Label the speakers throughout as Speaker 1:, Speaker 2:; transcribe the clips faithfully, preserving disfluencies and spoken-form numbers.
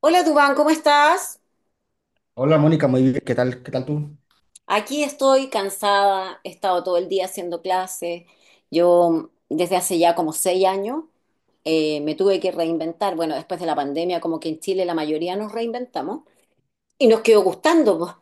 Speaker 1: Hola Dubán, ¿cómo estás?
Speaker 2: Hola Mónica, muy bien, ¿qué tal? ¿Qué tal tú?
Speaker 1: Aquí estoy cansada, he estado todo el día haciendo clases. Yo desde hace ya como seis años eh, me tuve que reinventar. Bueno, después de la pandemia, como que en Chile la mayoría nos reinventamos y nos quedó gustando, po.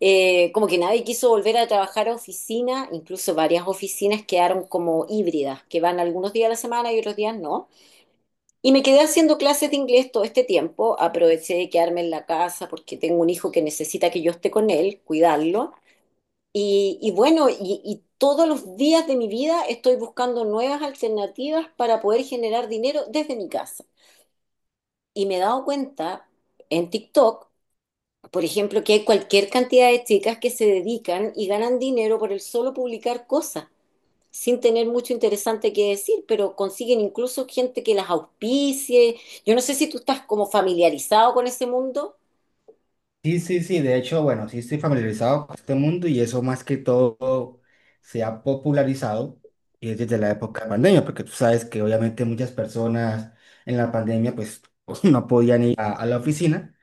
Speaker 1: Eh, como que nadie quiso volver a trabajar a oficina, incluso varias oficinas quedaron como híbridas, que van algunos días a la semana y otros días no. Y me quedé haciendo clases de inglés todo este tiempo. Aproveché de quedarme en la casa porque tengo un hijo que necesita que yo esté con él, cuidarlo. Y, y bueno, y, y todos los días de mi vida estoy buscando nuevas alternativas para poder generar dinero desde mi casa. Y me he dado cuenta en TikTok, por ejemplo, que hay cualquier cantidad de chicas que se dedican y ganan dinero por el solo publicar cosas sin tener mucho interesante que decir, pero consiguen incluso gente que las auspicie. Yo no sé si tú estás como familiarizado con ese mundo.
Speaker 2: Sí, sí, sí, de hecho, bueno, sí estoy familiarizado con este mundo y eso más que todo se ha popularizado y es desde la época de pandemia, porque tú sabes que obviamente muchas personas en la pandemia pues no podían ir a, a la oficina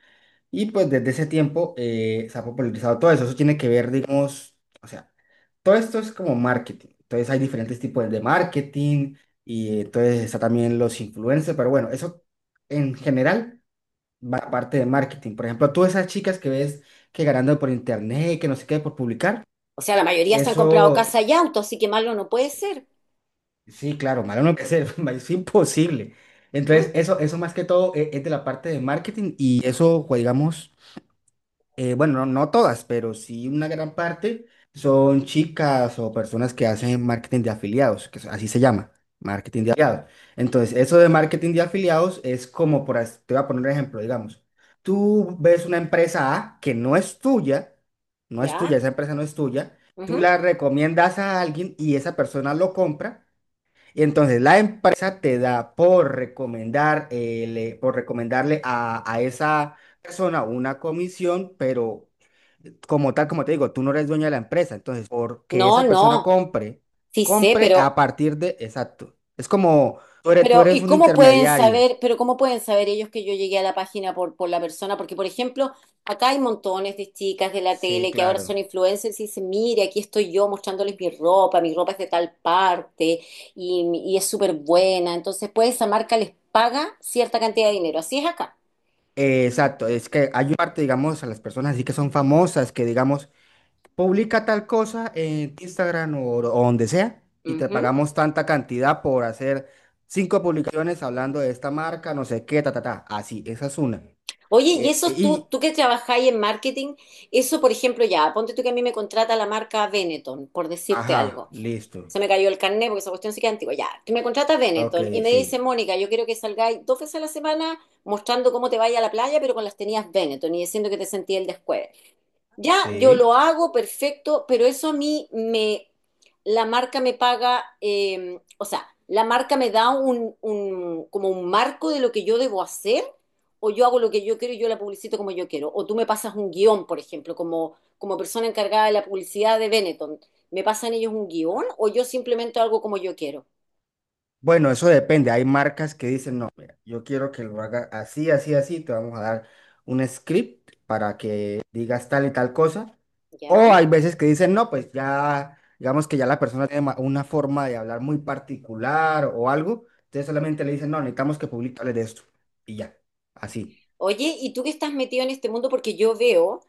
Speaker 2: y pues desde ese tiempo eh, se ha popularizado todo eso, eso tiene que ver, digamos, o sea, todo esto es como marketing, entonces hay diferentes tipos de marketing y eh, entonces está también los influencers, pero bueno, eso en general. Ma- parte de marketing. Por ejemplo, tú esas chicas que ves que ganando por internet, que no sé qué, por publicar,
Speaker 1: O sea, la mayoría se han comprado casa
Speaker 2: eso,
Speaker 1: y auto, así que malo no puede ser.
Speaker 2: sí, claro, malo no puede ser, es imposible.
Speaker 1: ¿Mm?
Speaker 2: Entonces, eso, eso más que todo e- es, de la parte de marketing y eso, pues, digamos... eh, bueno, no, no todas, pero sí una gran parte son chicas o personas que hacen marketing de afiliados, que es- así se llama, marketing de afiliados. Entonces, eso de marketing de afiliados es como, por, as- te voy a poner un ejemplo, digamos, tú ves una empresa A que no es tuya, no es tuya,
Speaker 1: ¿Ya?
Speaker 2: esa empresa no es tuya, tú
Speaker 1: Ujú.
Speaker 2: la recomiendas a alguien y esa persona lo compra. Y entonces la empresa te da por recomendar, eh, le- por recomendarle a, a esa persona una comisión, pero como tal, como te digo, tú no eres dueño de la empresa. Entonces, porque
Speaker 1: No,
Speaker 2: esa persona
Speaker 1: no,
Speaker 2: compre,
Speaker 1: sí sé,
Speaker 2: compre
Speaker 1: pero.
Speaker 2: a partir de, exacto. Es como tú eres, tú
Speaker 1: Pero,
Speaker 2: eres
Speaker 1: ¿y
Speaker 2: un
Speaker 1: cómo pueden
Speaker 2: intermediario.
Speaker 1: saber, pero cómo pueden saber ellos que yo llegué a la página por, por la persona? Porque, por ejemplo, acá hay montones de chicas de la
Speaker 2: Sí,
Speaker 1: tele que ahora son
Speaker 2: claro.
Speaker 1: influencers y dicen, mire, aquí estoy yo mostrándoles mi ropa, mi ropa es de tal parte y, y es súper buena. Entonces, pues esa marca les paga cierta cantidad de dinero. Así es acá.
Speaker 2: Eh, exacto. Es que hay una parte, digamos, a las personas así que son famosas, que digamos, publica tal cosa en Instagram o, o donde sea y te
Speaker 1: Ujú.
Speaker 2: pagamos tanta cantidad por hacer cinco publicaciones hablando de esta marca, no sé qué, ta, ta, ta. Así, esa es una.
Speaker 1: Oye, y
Speaker 2: Eh,
Speaker 1: eso tú,
Speaker 2: y,
Speaker 1: tú que trabajáis en marketing, eso, por ejemplo, ya, ponte tú que a mí me contrata la marca Benetton, por decirte
Speaker 2: ajá,
Speaker 1: algo.
Speaker 2: listo.
Speaker 1: Se me cayó el carnet porque esa cuestión sí que es antigua. Ya, que me contrata
Speaker 2: Ok,
Speaker 1: Benetton y me dice,
Speaker 2: sí,
Speaker 1: Mónica, yo quiero que salgáis dos veces a la semana mostrando cómo te vaya a la playa, pero con las tenías Benetton y diciendo que te sentí el descueve. Ya, yo lo
Speaker 2: sí.
Speaker 1: hago, perfecto, pero eso a mí me, la marca me paga, eh, o sea, la marca me da un, un- como un marco de lo que yo debo hacer, o yo hago lo que yo quiero y yo la publicito como yo quiero, o tú me pasas un guión, por ejemplo, como, como persona encargada de la publicidad de Benetton, ¿me pasan ellos un guión o yo simplemente hago como yo quiero?
Speaker 2: Bueno, eso depende. Hay marcas que dicen, no, mira, yo quiero que lo haga así, así, así. Te vamos a dar un script para que digas tal y tal cosa. O
Speaker 1: ¿Ya?
Speaker 2: hay veces que dicen, no, pues ya, digamos que ya la persona tiene ma- una forma de hablar muy particular o algo. Entonces solamente le dicen, no, necesitamos que publiques de esto. Y ya, así.
Speaker 1: Oye, ¿y tú que estás metido en este mundo? Porque yo veo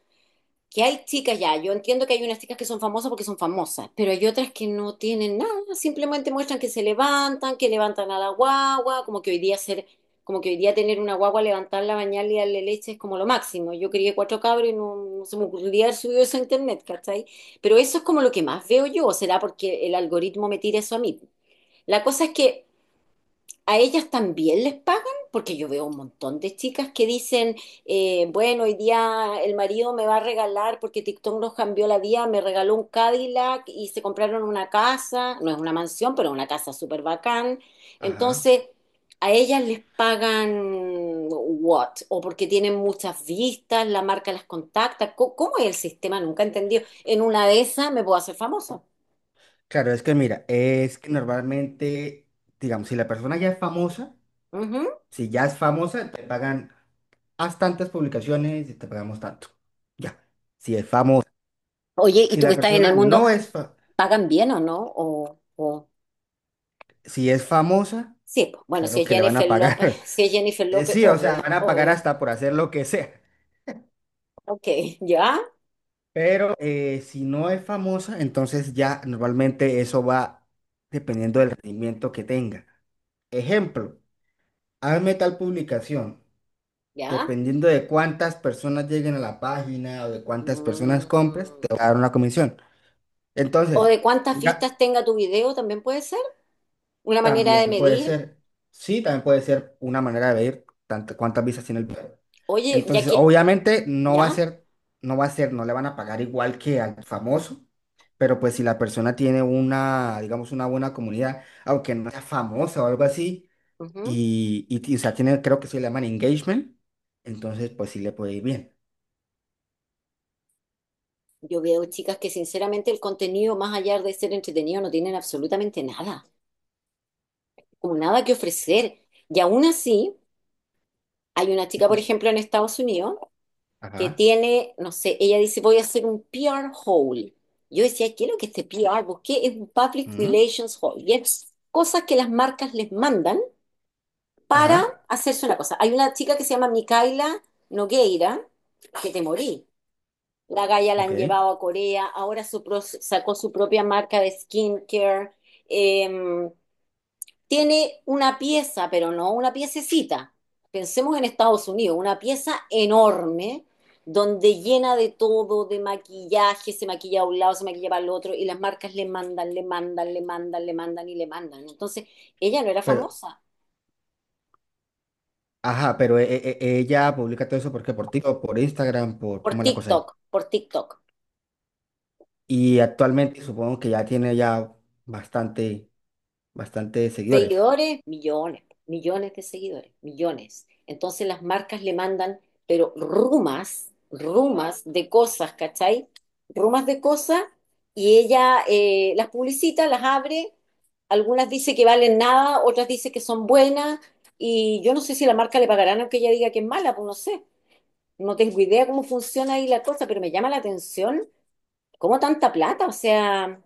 Speaker 1: que hay chicas ya, yo entiendo que hay unas chicas que son famosas porque son famosas, pero hay otras que no tienen nada, simplemente muestran que se levantan, que levantan a la guagua, como que hoy día ser, como que hoy día tener una guagua, levantarla, bañarla y darle leche es como lo máximo. Yo crié cuatro cabros y no, no se me ocurría haber subido eso a internet, ¿cachai? Pero eso es como lo que más veo yo, o será porque el algoritmo me tira eso a mí. La cosa es que, ¿a ellas también les pagan? Porque yo veo un montón de chicas que dicen, eh, bueno, hoy día el marido me va a regalar porque TikTok nos cambió la vida, me regaló un Cadillac y se compraron una casa, no es una mansión, pero una casa súper bacán.
Speaker 2: Ajá.
Speaker 1: Entonces, ¿a ellas les pagan what? ¿O porque tienen muchas vistas, la marca las contacta? ¿Cómo, cómo es el sistema? Nunca he entendido. En una de esas me puedo hacer famosa.
Speaker 2: Claro, es que mira, es que normalmente, digamos, si la persona ya es famosa.
Speaker 1: Ujú.
Speaker 2: Si ya es famosa, te pagan, haz tantas publicaciones y te pagamos tanto. Ya, si es famosa.
Speaker 1: Oye, ¿y
Speaker 2: Si
Speaker 1: tú que
Speaker 2: la
Speaker 1: estás en el
Speaker 2: persona
Speaker 1: mundo,
Speaker 2: no es, fa-
Speaker 1: pagan bien o no? O, o-
Speaker 2: si es famosa,
Speaker 1: Sí, pues, bueno, si
Speaker 2: claro
Speaker 1: es
Speaker 2: que le van a
Speaker 1: Jennifer López,
Speaker 2: pagar.
Speaker 1: si es Jennifer
Speaker 2: Eh,
Speaker 1: López,
Speaker 2: sí, o sea,
Speaker 1: obvio,
Speaker 2: van a pagar
Speaker 1: obvio.
Speaker 2: hasta por hacer lo que sea.
Speaker 1: Ok, ya,
Speaker 2: Pero eh, si no es famosa, entonces ya normalmente eso va dependiendo del rendimiento que tenga. Ejemplo, hazme tal publicación.
Speaker 1: ya.
Speaker 2: Dependiendo de cuántas personas lleguen a la página o de cuántas personas compres, te
Speaker 1: Mm.
Speaker 2: va a dar una comisión.
Speaker 1: O
Speaker 2: Entonces,
Speaker 1: de cuántas
Speaker 2: diga,
Speaker 1: vistas tenga tu video también puede ser una manera de
Speaker 2: también puede
Speaker 1: medir.
Speaker 2: ser, sí, también puede ser una manera de medir tantas cuántas visas tiene el video.
Speaker 1: Oye, ya
Speaker 2: Entonces,
Speaker 1: que,
Speaker 2: obviamente no va a
Speaker 1: ya,
Speaker 2: ser, no va a ser, no le van a pagar igual que al famoso, pero pues si la persona tiene una, digamos, una buena comunidad, aunque no sea famosa o algo así,
Speaker 1: ujú.
Speaker 2: y, y, y, o sea, tiene, creo que se le llaman engagement, entonces pues sí le puede ir bien.
Speaker 1: Yo veo chicas que sinceramente el contenido, más allá de ser entretenido, no tienen absolutamente nada, como nada que ofrecer. Y aún así, hay una chica, por ejemplo, en Estados Unidos, que
Speaker 2: Ajá.
Speaker 1: tiene, no sé, ella dice, voy a hacer un p r hole. Yo decía, ¿qué es lo que este p r? Busqué, es un Public
Speaker 2: Ujú,
Speaker 1: Relations Hole. Y es cosas que las marcas les mandan para
Speaker 2: ajá.
Speaker 1: hacerse una cosa. Hay una chica que se llama Micaela Nogueira, que te morí. La galla la han
Speaker 2: Ok.
Speaker 1: llevado a Corea, ahora su pro- sacó su propia marca de skincare. Eh, Tiene una pieza, pero no una piececita. Pensemos en Estados Unidos, una pieza enorme donde llena de todo, de maquillaje, se maquilla a un lado, se maquilla para el otro, y las marcas le mandan, le mandan, le mandan, le mandan y le mandan. Entonces, ella no era
Speaker 2: Pero,
Speaker 1: famosa
Speaker 2: ajá, pero e- e- e- ella publica todo eso porque por TikTok, por Instagram, por
Speaker 1: por
Speaker 2: cómo es la cosa ahí.
Speaker 1: TikTok, por TikTok.
Speaker 2: Y actualmente supongo que ya tiene ya bastante, bastante seguidores.
Speaker 1: Seguidores, millones, millones de seguidores, millones. Entonces las marcas le mandan, pero rumas, rumas de cosas, ¿cachai? Rumas de cosas y ella eh, las publicita, las abre, algunas dice que valen nada, otras dice que son buenas y yo no sé si la marca le pagarán aunque ella diga que es mala, pues no sé. No tengo idea cómo funciona ahí la cosa, pero me llama la atención cómo tanta plata, o sea,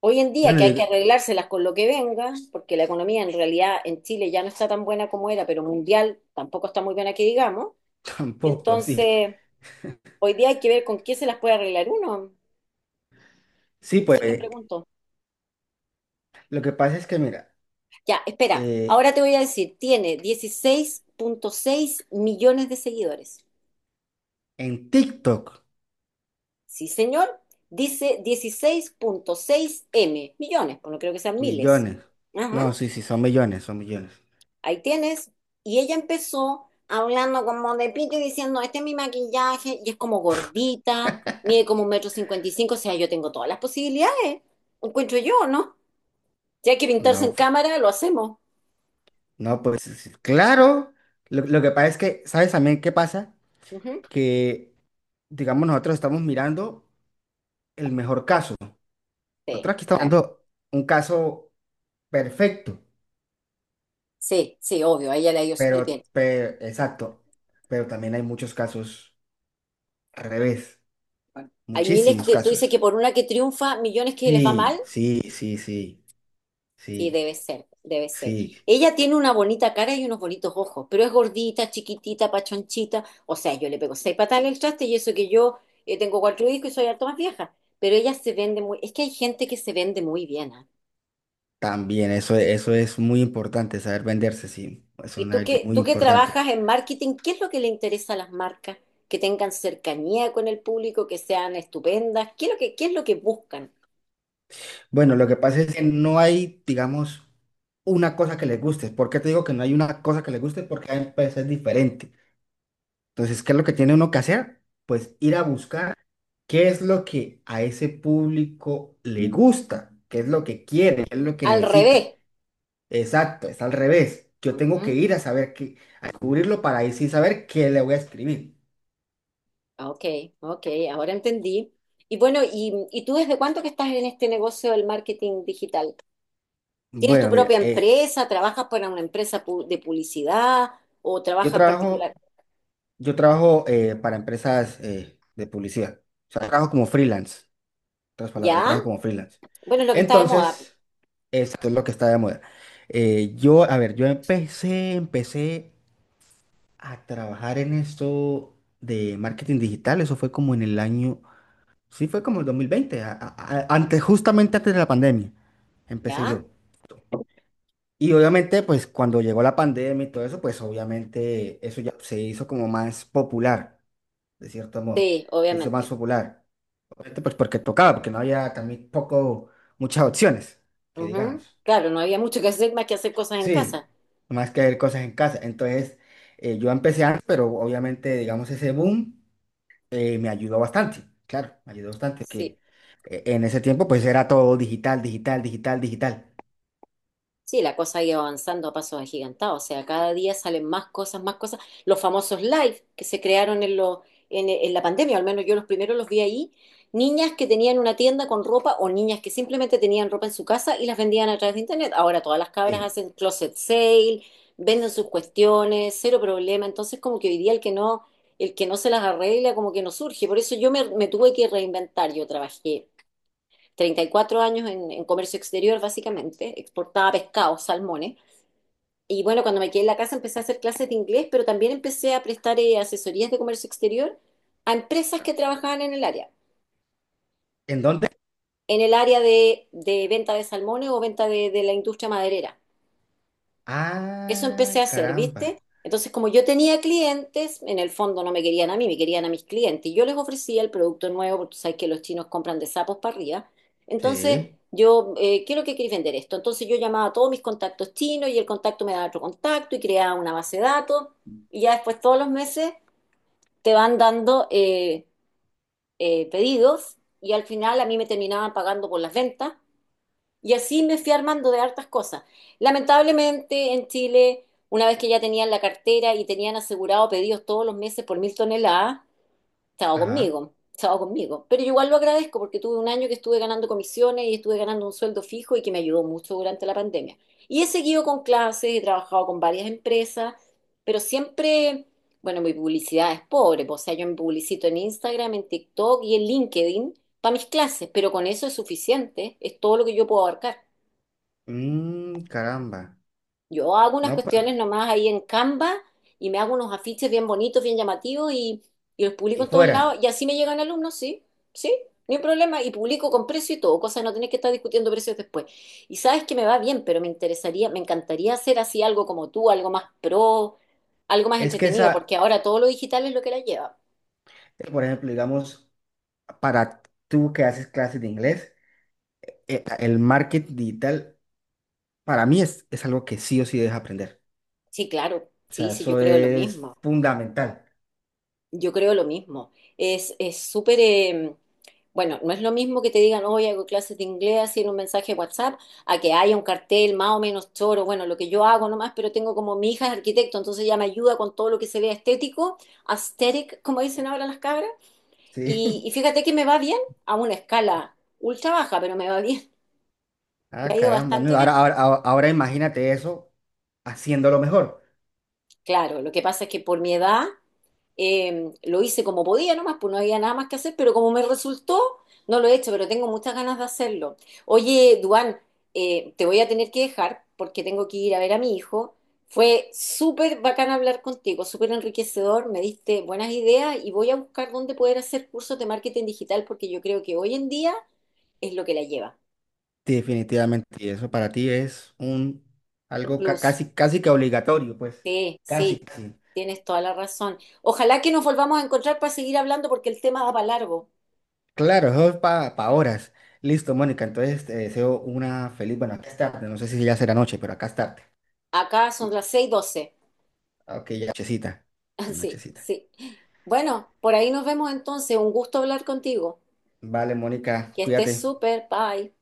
Speaker 1: hoy en día
Speaker 2: Bueno,
Speaker 1: que hay
Speaker 2: digo,
Speaker 1: que arreglárselas con lo que venga, porque la economía en realidad en Chile ya no está tan buena como era, pero mundial tampoco está muy buena que digamos.
Speaker 2: tampoco, sí.
Speaker 1: Entonces, hoy día hay que ver con quién se las puede arreglar uno.
Speaker 2: Sí, pues
Speaker 1: Eso te
Speaker 2: eh,
Speaker 1: pregunto.
Speaker 2: lo que pasa es que mira,
Speaker 1: Ya, espera,
Speaker 2: eh,
Speaker 1: ahora te voy a decir, tiene dieciséis punto seis millones de seguidores.
Speaker 2: en TikTok,
Speaker 1: Sí, señor, dice dieciséis punto seis M, millones, pues no creo que sean miles.
Speaker 2: millones.
Speaker 1: Ajá.
Speaker 2: No, sí, sí, son millones, son millones.
Speaker 1: Ahí tienes. Y ella empezó hablando como de pito y diciendo, este es mi maquillaje, y es como gordita, mide como un metro cincuenta y cinco, o sea, yo tengo todas las posibilidades, encuentro yo, ¿no? Si hay que pintarse
Speaker 2: No,
Speaker 1: en
Speaker 2: pues,
Speaker 1: cámara, lo hacemos.
Speaker 2: no, pues sí, sí, claro. Lo, lo que pasa es que, ¿sabes también qué pasa?
Speaker 1: Ujú.
Speaker 2: Que, digamos, nosotros estamos mirando el mejor caso.
Speaker 1: Sí,
Speaker 2: Nosotros aquí estamos
Speaker 1: bueno,
Speaker 2: dando un caso perfecto,
Speaker 1: sí, sí, obvio, a ella le ha ido súper bien.
Speaker 2: pero, pe- exacto, pero también hay muchos casos al revés,
Speaker 1: Bueno, hay miles
Speaker 2: muchísimos
Speaker 1: que, tú dices que
Speaker 2: casos.
Speaker 1: por una que triunfa, millones que les va mal.
Speaker 2: Sí, sí, sí, sí,
Speaker 1: Sí,
Speaker 2: sí,
Speaker 1: debe ser, debe ser.
Speaker 2: sí,
Speaker 1: Ella tiene una bonita cara y unos bonitos ojos, pero es gordita, chiquitita, pachonchita. O sea, yo le pego seis patadas al traste y eso que yo eh, tengo cuatro hijos y soy harto más vieja. Pero ella se vende muy, es que hay gente que se vende muy bien. ¿Ah?
Speaker 2: también eso, eso es muy importante, saber venderse, sí, es
Speaker 1: Y
Speaker 2: una
Speaker 1: tú
Speaker 2: habilidad
Speaker 1: que,
Speaker 2: muy
Speaker 1: tú que
Speaker 2: importante.
Speaker 1: trabajas en marketing, ¿qué es lo que le interesa a las marcas? Que tengan cercanía con el público, que sean estupendas. ¿Qué es lo que, qué es lo que buscan?
Speaker 2: Bueno, lo que pasa es que no hay, digamos, una cosa que les guste. ¿Por qué te digo que no hay una cosa que les guste? Porque hay empresas diferentes. Entonces, ¿qué es lo que tiene uno que hacer? Pues ir a buscar qué es lo que a ese público le gusta, qué es lo que quiere, qué es lo que
Speaker 1: Al
Speaker 2: necesita.
Speaker 1: revés.
Speaker 2: Exacto, es al revés. Yo tengo que
Speaker 1: Ujú.
Speaker 2: ir a saber qué, a descubrirlo para ahí sí saber qué le voy a escribir.
Speaker 1: Ah, ok, ok, ahora entendí. Y bueno, y, ¿y tú desde cuánto que estás en este negocio del marketing digital? ¿Tienes tu
Speaker 2: Bueno, mira,
Speaker 1: propia
Speaker 2: eh,
Speaker 1: empresa? ¿Trabajas para una empresa pu- de publicidad o
Speaker 2: yo
Speaker 1: trabajas particular?
Speaker 2: trabajo, yo trabajo eh, para empresas eh, de publicidad. O sea, trabajo como freelance. En otras palabras, yo
Speaker 1: ¿Ya?
Speaker 2: trabajo como freelance.
Speaker 1: Bueno, es lo que está de moda.
Speaker 2: Entonces, esto es lo que está de moda. Eh, yo, a ver, yo empecé, empecé a trabajar en esto de marketing digital. Eso fue como en el año, sí, fue como el dos mil veinte, a- a- a- antes, justamente antes de la pandemia, empecé
Speaker 1: ¿Ya?
Speaker 2: yo. Y obviamente, pues cuando llegó la pandemia y todo eso, pues obviamente eso ya se hizo como más popular, de cierto modo.
Speaker 1: Sí,
Speaker 2: Se hizo más
Speaker 1: obviamente.
Speaker 2: popular. Obviamente, pues porque tocaba, porque no había también poco, muchas opciones, que
Speaker 1: Ujú.
Speaker 2: digamos.
Speaker 1: Claro, no había mucho que hacer más que hacer cosas en
Speaker 2: Sí,
Speaker 1: casa.
Speaker 2: más que hacer cosas en casa. Entonces, eh, yo empecé antes, pero obviamente, digamos, ese boom. eh, me ayudó bastante, claro, me ayudó bastante,
Speaker 1: Sí.
Speaker 2: que eh, en ese tiempo pues era todo digital, digital, digital, digital.
Speaker 1: Sí, la cosa ha ido avanzando a pasos agigantados, o sea, cada día salen más cosas, más cosas. Los famosos live que se crearon en, lo, en, en la pandemia, al menos yo los primeros los vi ahí, niñas que tenían una tienda con ropa o niñas que simplemente tenían ropa en su casa y las vendían a través de internet. Ahora todas las cabras
Speaker 2: Sí.
Speaker 1: hacen closet sale, venden
Speaker 2: S-
Speaker 1: sus cuestiones, cero problema. Entonces, como que hoy día el que no, el que no, se las arregla, como que no surge. Por eso yo me, me tuve que reinventar. Yo trabajé treinta y cuatro años en, en comercio exterior, básicamente, exportaba pescado, salmones. Y bueno, cuando me quedé en la casa empecé a hacer clases de inglés, pero también empecé a prestar eh, asesorías de comercio exterior a empresas que trabajaban en el área,
Speaker 2: ¿En dónde?
Speaker 1: en el área de, de venta de salmones o venta de, de la industria maderera. Eso empecé
Speaker 2: Ah,
Speaker 1: a hacer,
Speaker 2: caramba.
Speaker 1: ¿viste? Entonces, como yo tenía clientes, en el fondo no me querían a mí, me querían a mis clientes. Y yo les ofrecía el producto nuevo, porque tú sabes que los chinos compran de sapos para arriba. Entonces,
Speaker 2: Sí,
Speaker 1: yo, eh, ¿qué es lo que queréis vender esto? Entonces, yo llamaba a todos mis contactos chinos y el contacto me daba otro contacto y creaba una base de datos. Y ya después, todos los meses, te van dando eh, eh, pedidos y al final a mí me terminaban pagando por las ventas. Y así me fui armando de hartas cosas. Lamentablemente en Chile, una vez que ya tenían la cartera y tenían asegurado pedidos todos los meses por mil toneladas, estaba
Speaker 2: ajá.
Speaker 1: conmigo, estaba conmigo. Pero yo igual lo agradezco porque tuve un año que estuve ganando comisiones y estuve ganando un sueldo fijo y que me ayudó mucho durante la pandemia. Y he seguido con clases, he trabajado con varias empresas, pero siempre, bueno, mi publicidad es pobre, pues, o sea, yo me publicito en Instagram, en TikTok y en LinkedIn para mis clases, pero con eso es suficiente, es todo lo que yo puedo abarcar.
Speaker 2: Mm, caramba.
Speaker 1: Yo hago unas
Speaker 2: No, pues,
Speaker 1: cuestiones nomás ahí en Canva y me hago unos afiches bien bonitos, bien llamativos y, y los publico
Speaker 2: y
Speaker 1: en todos lados.
Speaker 2: fuera.
Speaker 1: Y así me llegan alumnos, sí, sí, ni un problema. Y publico con precio y todo, cosa de no tener que estar discutiendo precios después. Y sabes que me va bien, pero me interesaría, me encantaría hacer así algo como tú, algo más pro, algo más
Speaker 2: Es que
Speaker 1: entretenido, porque
Speaker 2: esa,
Speaker 1: ahora todo lo digital es lo que la lleva.
Speaker 2: eh, por ejemplo, digamos, para tú que haces clases de inglés, eh, el marketing digital para mí es, es algo que sí o sí debes aprender.
Speaker 1: Sí, claro,
Speaker 2: O
Speaker 1: sí,
Speaker 2: sea,
Speaker 1: sí, yo
Speaker 2: eso
Speaker 1: creo lo
Speaker 2: es
Speaker 1: mismo.
Speaker 2: fundamental.
Speaker 1: Yo creo lo mismo. Es, es súper, eh, bueno, no es lo mismo que te digan, hoy hago clases de inglés así en un mensaje de WhatsApp, a que haya un cartel más o menos choro, bueno, lo que yo hago nomás, pero tengo como mi hija es arquitecto, entonces ella me ayuda con todo lo que se vea estético, aesthetic, como dicen ahora las cabras.
Speaker 2: Sí.
Speaker 1: Y, y fíjate que me va bien a una escala ultra baja, pero me va bien, me
Speaker 2: Ah,
Speaker 1: ha ido
Speaker 2: caramba. No,
Speaker 1: bastante bien.
Speaker 2: ahora, ahora, ahora ahora imagínate eso haciéndolo mejor.
Speaker 1: Claro, lo que pasa es que por mi edad eh, lo hice como podía nomás, pues no había nada más que hacer, pero como me resultó, no lo he hecho, pero tengo muchas ganas de hacerlo. Oye, Duan, eh, te voy a tener que dejar porque tengo que ir a ver a mi hijo. Fue súper bacán hablar contigo, súper enriquecedor, me diste buenas ideas y voy a buscar dónde poder hacer cursos de marketing digital porque yo creo que hoy en día es lo que la lleva.
Speaker 2: Sí, definitivamente. Y eso para ti es un
Speaker 1: Un
Speaker 2: algo ca-
Speaker 1: plus.
Speaker 2: casi, casi que obligatorio, pues.
Speaker 1: Sí,
Speaker 2: Casi,
Speaker 1: sí,
Speaker 2: casi.
Speaker 1: tienes toda la razón. Ojalá que nos volvamos a encontrar para seguir hablando porque el tema da para largo.
Speaker 2: Claro, eso es para horas. Listo, Mónica. Entonces te deseo una feliz. Bueno, acá es tarde. No sé si ya será noche, pero acá es tarde.
Speaker 1: Acá son las seis doce.
Speaker 2: Ok, ya nochecita.
Speaker 1: Ah,
Speaker 2: Ya
Speaker 1: sí,
Speaker 2: nochecita.
Speaker 1: sí. Bueno, por ahí nos vemos entonces. Un gusto hablar contigo.
Speaker 2: Vale, Mónica,
Speaker 1: Que estés
Speaker 2: cuídate.
Speaker 1: súper. Bye.